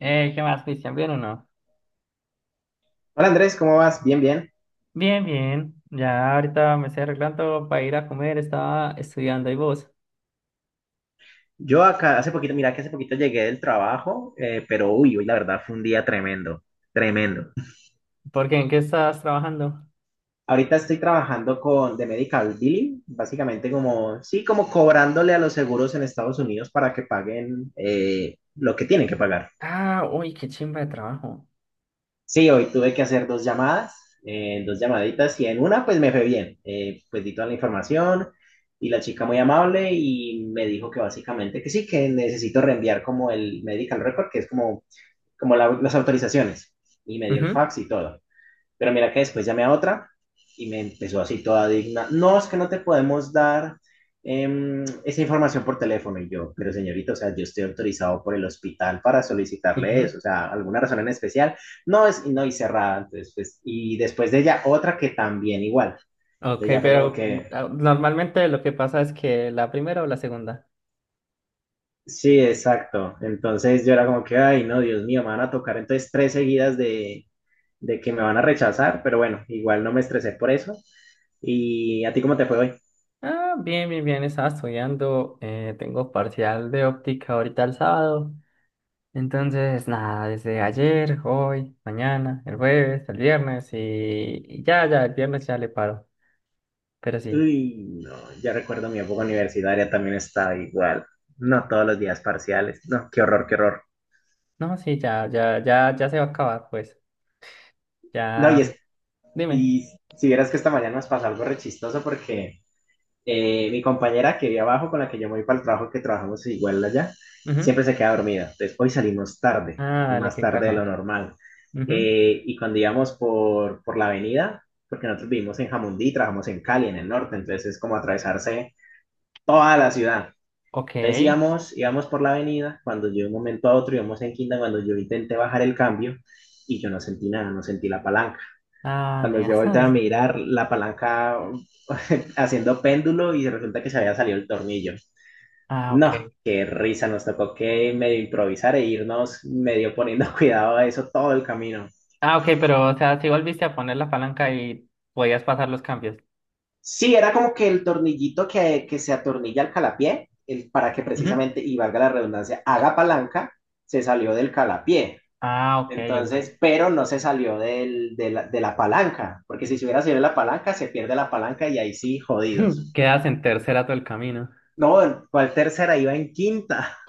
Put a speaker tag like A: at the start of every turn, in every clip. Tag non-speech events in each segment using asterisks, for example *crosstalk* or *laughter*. A: ¿Qué más, Cristian? ¿Bien o no?
B: Hola Andrés, ¿cómo vas? Bien, bien.
A: Bien, bien. Ya ahorita me estoy arreglando para ir a comer. Estaba estudiando. ¿Y vos?
B: Yo acá hace poquito, mira que hace poquito llegué del trabajo, pero uy, hoy la verdad fue un día tremendo, tremendo.
A: ¿Por qué? ¿En qué estás trabajando?
B: Ahorita estoy trabajando con de Medical Billing, básicamente como, sí, como cobrándole a los seguros en Estados Unidos para que paguen lo que tienen que pagar.
A: Ah, uy, qué chimba de trabajo.
B: Sí, hoy tuve que hacer dos llamadas, dos llamaditas y en una pues me fue bien. Pues di toda la información y la chica muy amable y me dijo que básicamente que sí, que necesito reenviar como el medical record, que es como las autorizaciones, y me dio el
A: Ujú,
B: fax y todo. Pero mira que después llamé a otra y me empezó así toda digna. No, es que no te podemos dar esa información por teléfono. Y yo, pero señorita, o sea, yo estoy autorizado por el hospital para solicitarle
A: ujú.
B: eso, o sea, alguna razón en especial. No, es, no, y cerrada. Entonces, pues, y después de ella, otra que también igual.
A: Ok,
B: Ella fue como
A: pero
B: que,
A: ah, normalmente lo que pasa es que la primera o la segunda.
B: sí, exacto. Entonces yo era como que, ay, no, Dios mío, me van a tocar entonces tres seguidas de que me van a rechazar, pero bueno, igual no me estresé por eso. ¿Y a ti cómo te fue hoy?
A: Ah, bien, bien, bien. Estaba estudiando. Tengo parcial de óptica ahorita el sábado. Entonces, nada, desde ayer, hoy, mañana, el jueves, el viernes y ya, ya, el viernes ya le paro. Pero sí.
B: Uy, no, ya recuerdo mi época universitaria, también estaba igual. No, todos los días parciales. No, qué horror, qué horror.
A: No, sí, ya, ya, ya, ya se va a acabar, pues.
B: No,
A: Ya,
B: y, es,
A: dime.
B: y si vieras que esta mañana nos pasó algo re chistoso porque mi compañera que vive abajo, con la que yo me voy para el trabajo, que trabajamos igual allá, siempre
A: Ujú.
B: se queda dormida. Entonces, hoy salimos tarde,
A: Ah, dale,
B: más
A: qué
B: tarde de lo
A: caja.
B: normal.
A: Ujú.
B: Y cuando íbamos por la avenida, porque nosotros vivimos en Jamundí, trabajamos en Cali, en el norte, entonces es como atravesarse toda la ciudad.
A: Ok.
B: Entonces íbamos por la avenida, cuando yo de un momento a otro íbamos en quinta, cuando yo intenté bajar el cambio y yo no sentí nada, no sentí la palanca.
A: Ah,
B: Cuando yo
A: neas.
B: volteé a
A: *laughs*
B: mirar la palanca *laughs* haciendo péndulo y resulta que se había salido el tornillo.
A: Ah, ok.
B: No, qué risa, nos tocó que medio improvisar e irnos medio poniendo *laughs* cuidado a eso todo el camino.
A: Ah, ok, pero, o sea, si volviste a poner la palanca y podías pasar los cambios.
B: Sí, era como que el tornillito que se atornilla al calapié, para que
A: Ujú.
B: precisamente, y valga la redundancia, haga palanca, se salió del calapié.
A: Ah, ok, ok.
B: Entonces, pero no se salió de de la palanca, porque si se hubiera salido de la palanca, se pierde la palanca y ahí sí,
A: *laughs*
B: jodidos.
A: Quedas en tercera todo el camino.
B: No, Walter tercera iba en quinta. *laughs*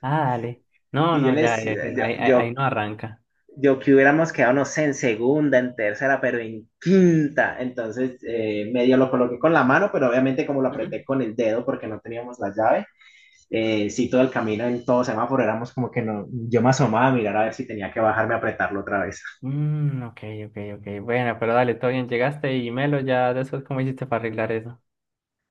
A: Ah, dale. No,
B: Y yo
A: no, ya,
B: les, yo,
A: ahí
B: yo,
A: no arranca.
B: yo que hubiéramos quedado, no sé, en segunda, en tercera, pero en quinta. Entonces, medio lo coloqué con la mano, pero obviamente como lo
A: Ujú.
B: apreté con el dedo porque no teníamos la llave, sí, todo el camino en todo semáforo éramos como que no, yo me asomaba a mirar a ver si tenía que bajarme a apretarlo otra vez.
A: Mm, ok, ok, ok. Bueno, pero dale, todo bien. Llegaste y Melo, ya después, ¿cómo hiciste para arreglar eso?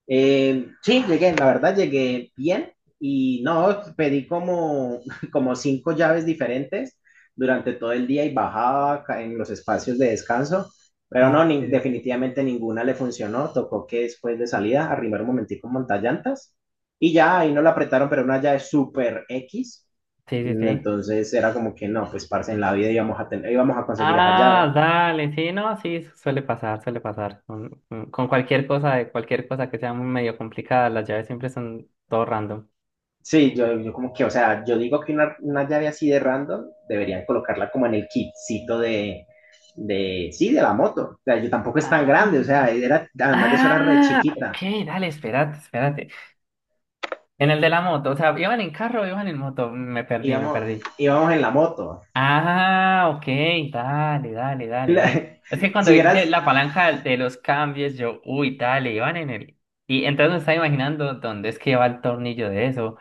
B: Sí, llegué, la verdad llegué bien y no, pedí como, *laughs* como 5 llaves diferentes durante todo el día y bajaba en los espacios de descanso, pero
A: Ah,
B: no,
A: ok, ok.
B: definitivamente ninguna le funcionó, tocó que después de salida arrimar un momentico un montallantas y ya ahí no la apretaron, pero una llave súper X,
A: Sí, sí,
B: mm,
A: sí.
B: entonces era como que no, pues parce, en la vida íbamos a tener, íbamos a conseguir esa llave.
A: Ah, dale, sí, no, sí, suele pasar, suele pasar. Con cualquier cosa, de cualquier cosa que sea muy medio complicada, las llaves siempre son todo random.
B: Sí, yo como que, o sea, yo digo que una llave así de random deberían colocarla como en el kitcito sí, de la moto. O sea, yo tampoco es tan
A: Ah,
B: grande, o sea, era, además de eso era re
A: ah, ok,
B: chiquita.
A: dale, espérate, espérate. En el de la moto, o sea, iban en carro, o iban en moto, me perdí, me
B: Íbamos,
A: perdí.
B: Íbamos en la moto.
A: Ah, ok, dale, dale, dale, dale. Es que
B: *laughs*
A: cuando
B: si
A: dijiste
B: hubieras,
A: la palanca de los cambios, yo, uy, dale, iban en el... Y entonces me estaba imaginando dónde es que va el tornillo de eso.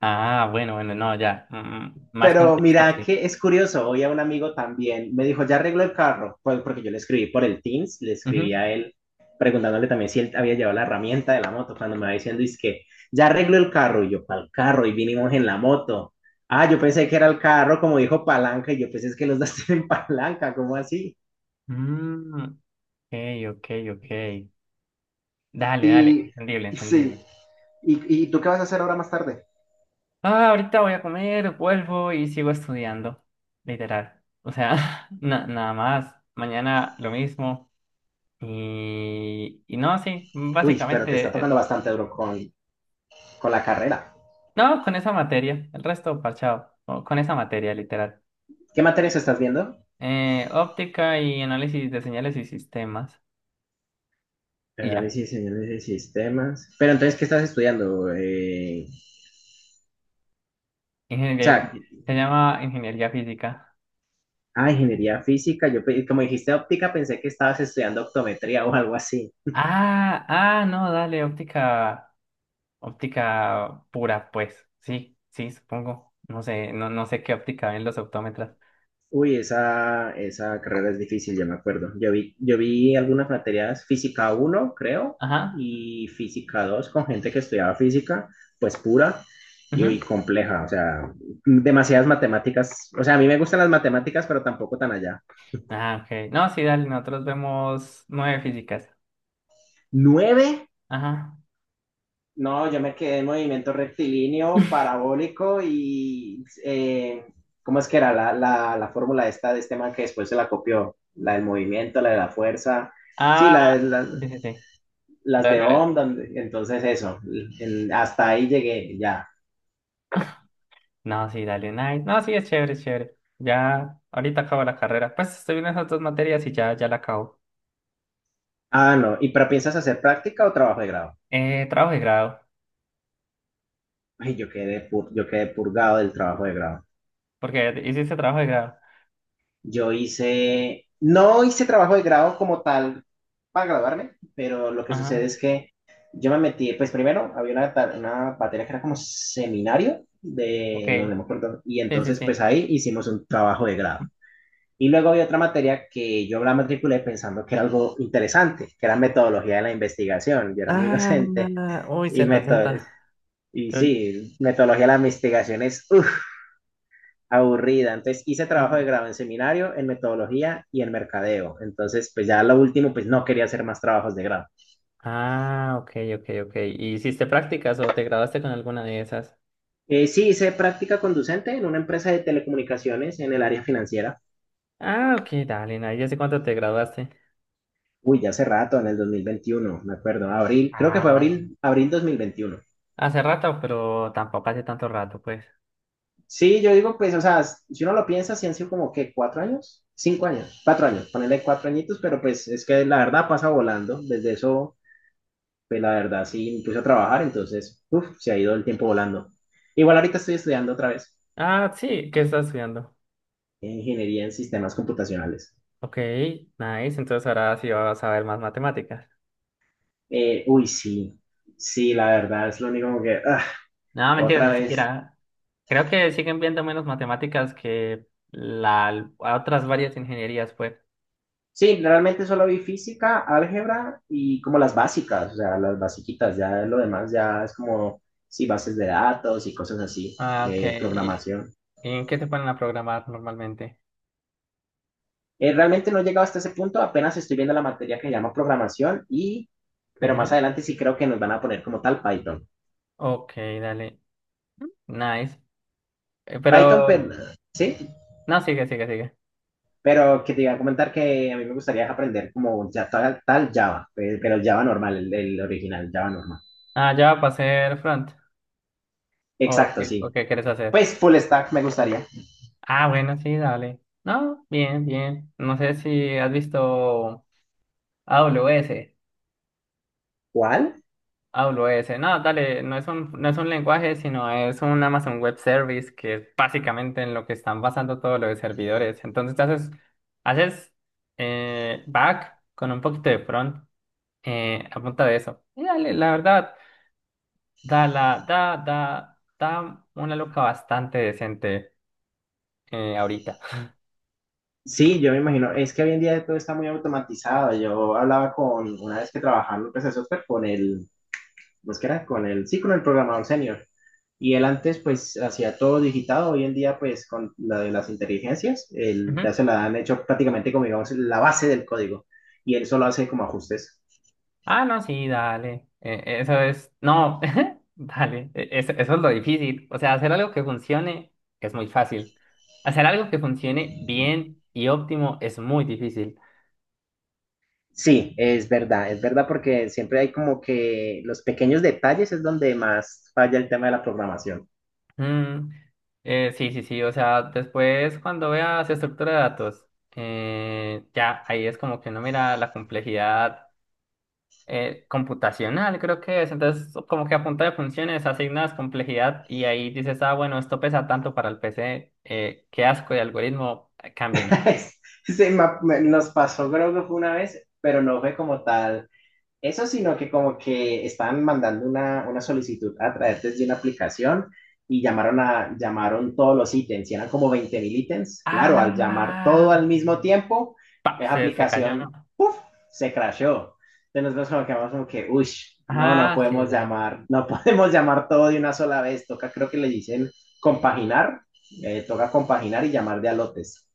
A: Ah, bueno, bueno, no, ya. Más
B: Pero
A: contexto
B: mira
A: así.
B: que es curioso, hoy a un amigo también me dijo, ya arregló el carro, pues porque yo le escribí por el Teams, le escribí
A: Ujú.
B: a él preguntándole también si él había llevado la herramienta de la moto, cuando me va diciendo, es que ya arregló el carro, y yo, ¿el carro? Y vinimos en la moto. Ah, yo pensé que era el carro, como dijo palanca, y yo pensé es que los dos tienen *laughs* palanca, ¿cómo así?
A: Mm, ok, ok, ok. Dale, dale,
B: Y
A: entendible,
B: y sí,
A: entendible.
B: ¿y tú qué vas a hacer ahora más tarde?
A: Ah, ahorita voy a comer, vuelvo y sigo estudiando. Literal. O sea, *laughs* nada más. Mañana lo mismo. Y no, sí,
B: Uy, pero te está
A: básicamente.
B: tocando bastante duro con la carrera.
A: No, Con esa materia. El resto, parchado. O con esa materia, literal.
B: ¿Qué materias estás viendo?
A: Óptica y análisis de señales y sistemas. Y ya.
B: Análisis y señales de sistemas. Pero entonces, ¿qué estás estudiando? O
A: Ingeniería
B: sea,
A: física. Se llama ingeniería física.
B: ah, ingeniería física. Yo, como dijiste óptica, pensé que estabas estudiando optometría o algo así.
A: Ah, ah, no, dale, óptica, óptica pura, pues. Sí, sí, supongo. No sé, no, no sé qué óptica ven los optómetras.
B: Uy, esa carrera es difícil, ya me acuerdo. Yo vi algunas materias, física uno, creo,
A: Ajá.
B: y física 2 con gente que estudiaba física, pues pura y
A: Ujú.
B: uy, compleja. O sea, demasiadas matemáticas. O sea, a mí me gustan las matemáticas, pero tampoco tan allá.
A: Ah, ok. No, sí, dale, nosotros vemos nueve físicas.
B: 9.
A: Ajá.
B: No, yo me quedé en movimiento rectilíneo,
A: *laughs*
B: parabólico y ¿cómo es que era la fórmula esta de este man que después se la copió? La del movimiento, la de la fuerza, sí,
A: Ah, sí, sí, sí.
B: las
A: La-
B: de
A: la-
B: Ohm, entonces eso, hasta ahí llegué ya.
A: No, sí, dale, nice. No, sí, es chévere, es chévere. Ya, ahorita acabo la carrera. Pues estoy viendo esas dos materias y ya, ya la acabo.
B: Ah, no, ¿y pero piensas hacer práctica o trabajo de grado?
A: Trabajo de grado,
B: Ay, yo quedé purgado del trabajo de grado.
A: porque hiciste trabajo de grado.
B: Yo hice, no hice trabajo de grado como tal para graduarme, pero lo que
A: Ajá.
B: sucede es que yo me metí, pues primero había una materia que era como seminario
A: Ok,
B: de, no, no me acuerdo, y
A: sí, sí,
B: entonces
A: sí.
B: pues ahí hicimos un trabajo de grado. Y luego había otra materia que yo la matriculé pensando que era algo interesante, que era metodología de la investigación. Yo era muy *laughs*
A: Ah,
B: inocente
A: uy,
B: y
A: Z,
B: meto-
A: Z.
B: y
A: Pero-
B: sí, metodología de la investigación es, uff, aburrida. Entonces hice
A: Ujú.
B: trabajo de grado en seminario, en metodología y en mercadeo. Entonces, pues ya lo último, pues no quería hacer más trabajos de grado.
A: Ah, ok, ok, ok. ¿Y hiciste prácticas o te graduaste con alguna de esas?
B: Sí, hice práctica conducente en una empresa de telecomunicaciones en el área financiera.
A: Ah, ok, dale, na, ya sé cuánto te graduaste.
B: Uy, ya hace rato, en el 2021, me acuerdo, abril, creo que
A: Ah,
B: fue
A: dale.
B: abril 2021.
A: Hace rato, pero tampoco hace tanto rato, pues.
B: Sí, yo digo, pues, o sea, si uno lo piensa, si han sido como ¿qué? Cinco años, cuatro años, ponerle cuatro añitos, pero pues es que la verdad pasa volando. Desde eso pues la verdad sí me puse a trabajar, entonces uf, se ha ido el tiempo volando. Igual ahorita estoy estudiando otra vez
A: Ah, sí, ¿qué estás estudiando?
B: ingeniería en sistemas computacionales.
A: Ok, nice, entonces ahora sí vas a ver más matemáticas.
B: Sí, sí, la verdad es lo único como que ah,
A: No, mentira,
B: otra
A: ni
B: vez.
A: siquiera. Creo que siguen viendo menos matemáticas que otras varias ingenierías, pues.
B: Sí, realmente solo vi física, álgebra y como las básicas, o sea, las basiquitas, ya lo demás ya es como, sí, bases de datos y cosas así,
A: Ah, ok.
B: de
A: ¿Y
B: programación.
A: en qué te ponen a programar normalmente?
B: Realmente no he llegado hasta ese punto, apenas estoy viendo la materia que se llama programación, pero más
A: Ujú.
B: adelante sí creo que nos van a poner como tal Python.
A: Ok, dale. Nice.
B: Python, pero,
A: Pero,
B: sí,
A: no, sigue, sigue, sigue.
B: pero que te iba a comentar que a mí me gustaría aprender como ya tal Java, pero el Java normal, el original, Java normal.
A: Ah, ya va a hacer front.
B: Exacto,
A: O
B: sí.
A: qué quieres hacer?
B: Pues full stack me gustaría.
A: Ah, bueno, sí, dale. No, bien, bien. No sé si has visto AWS.
B: ¿Cuál?
A: AWS. No, dale, no es un, lenguaje, sino es un Amazon Web Service, que es básicamente en lo que están basando todos los servidores. Entonces, haces back con un poquito de front. A punta de eso. Y dale, la verdad, da, la, da, da, da una loca bastante decente ahorita.
B: Sí, yo me imagino, es que hoy en día todo está muy automatizado. Yo hablaba con, una vez que trabajaba en una empresa de software, pues que era con el, sí, con el programador senior. Y él antes pues hacía todo digitado, hoy en día pues con la de las inteligencias, él, ya
A: Ujú.
B: se la han hecho prácticamente como digamos la base del código y él solo hace como ajustes.
A: Ah, no, sí, dale. Eso es, no, *laughs* dale, eso es lo difícil. O sea, hacer algo que funcione es muy fácil. Hacer algo que funcione bien y óptimo es muy difícil.
B: Sí, es verdad porque siempre hay como que los pequeños detalles es donde más falla el tema de la programación.
A: Mm, sí, sí, sí, o sea, después cuando veas estructura de datos, ya ahí es como que no mira la complejidad computacional, creo que es. Entonces, como que a punta de funciones asignas complejidad y ahí dices, ah, bueno, esto pesa tanto para el PC, qué asco de algoritmo, cámbienlo.
B: *laughs* Nos pasó creo que fue una vez, pero no fue como tal eso, sino que como que estaban mandando una solicitud a través de una aplicación y llamaron todos los ítems, y eran como 20.000 ítems. Claro, al llamar
A: Ah,
B: todo al
A: ok.
B: mismo tiempo,
A: Pa,
B: esa
A: se cayó,
B: aplicación,
A: ¿no?
B: ¡puf! Se crashó. Entonces nosotros como que vamos como que, uy, no, no
A: Ah, sí,
B: podemos
A: dale.
B: llamar, no *laughs* podemos llamar todo de una sola vez, toca, creo que le dicen compaginar, toca compaginar y llamar de a lotes.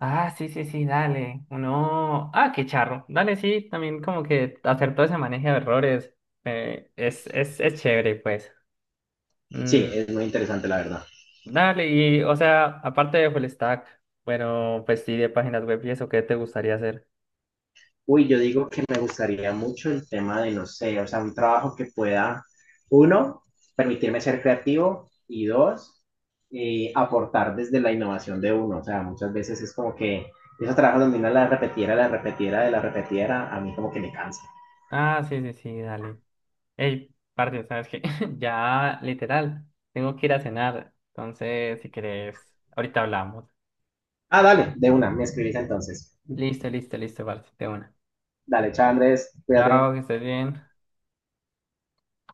A: Ah, sí, sí, sí, dale. Uno, ah, qué charro. Dale, sí, también como que hacer todo ese manejo de errores es chévere, pues.
B: Sí,
A: Mm.
B: es muy interesante la verdad.
A: Dale, y o sea, aparte de full stack, bueno, pues sí, de páginas web y eso, ¿qué te gustaría hacer?
B: Uy, yo digo que me gustaría mucho el tema de, no sé, o sea, un trabajo que pueda, uno, permitirme ser creativo y dos, aportar desde la innovación de uno. O sea, muchas veces es como que esos trabajos donde uno la repetiera, la repetiera, la repetiera, a mí como que me cansa.
A: Ah, sí, sí, sí, dale. Ey, parce, ¿sabes qué? *laughs* Ya, literal, tengo que ir a cenar. Entonces, si querés, ahorita hablamos.
B: Ah, dale, de una, me escribís entonces.
A: Listo, listo, listo, parce, de una.
B: Dale, chao Andrés,
A: Chao,
B: cuídate.
A: que estés bien.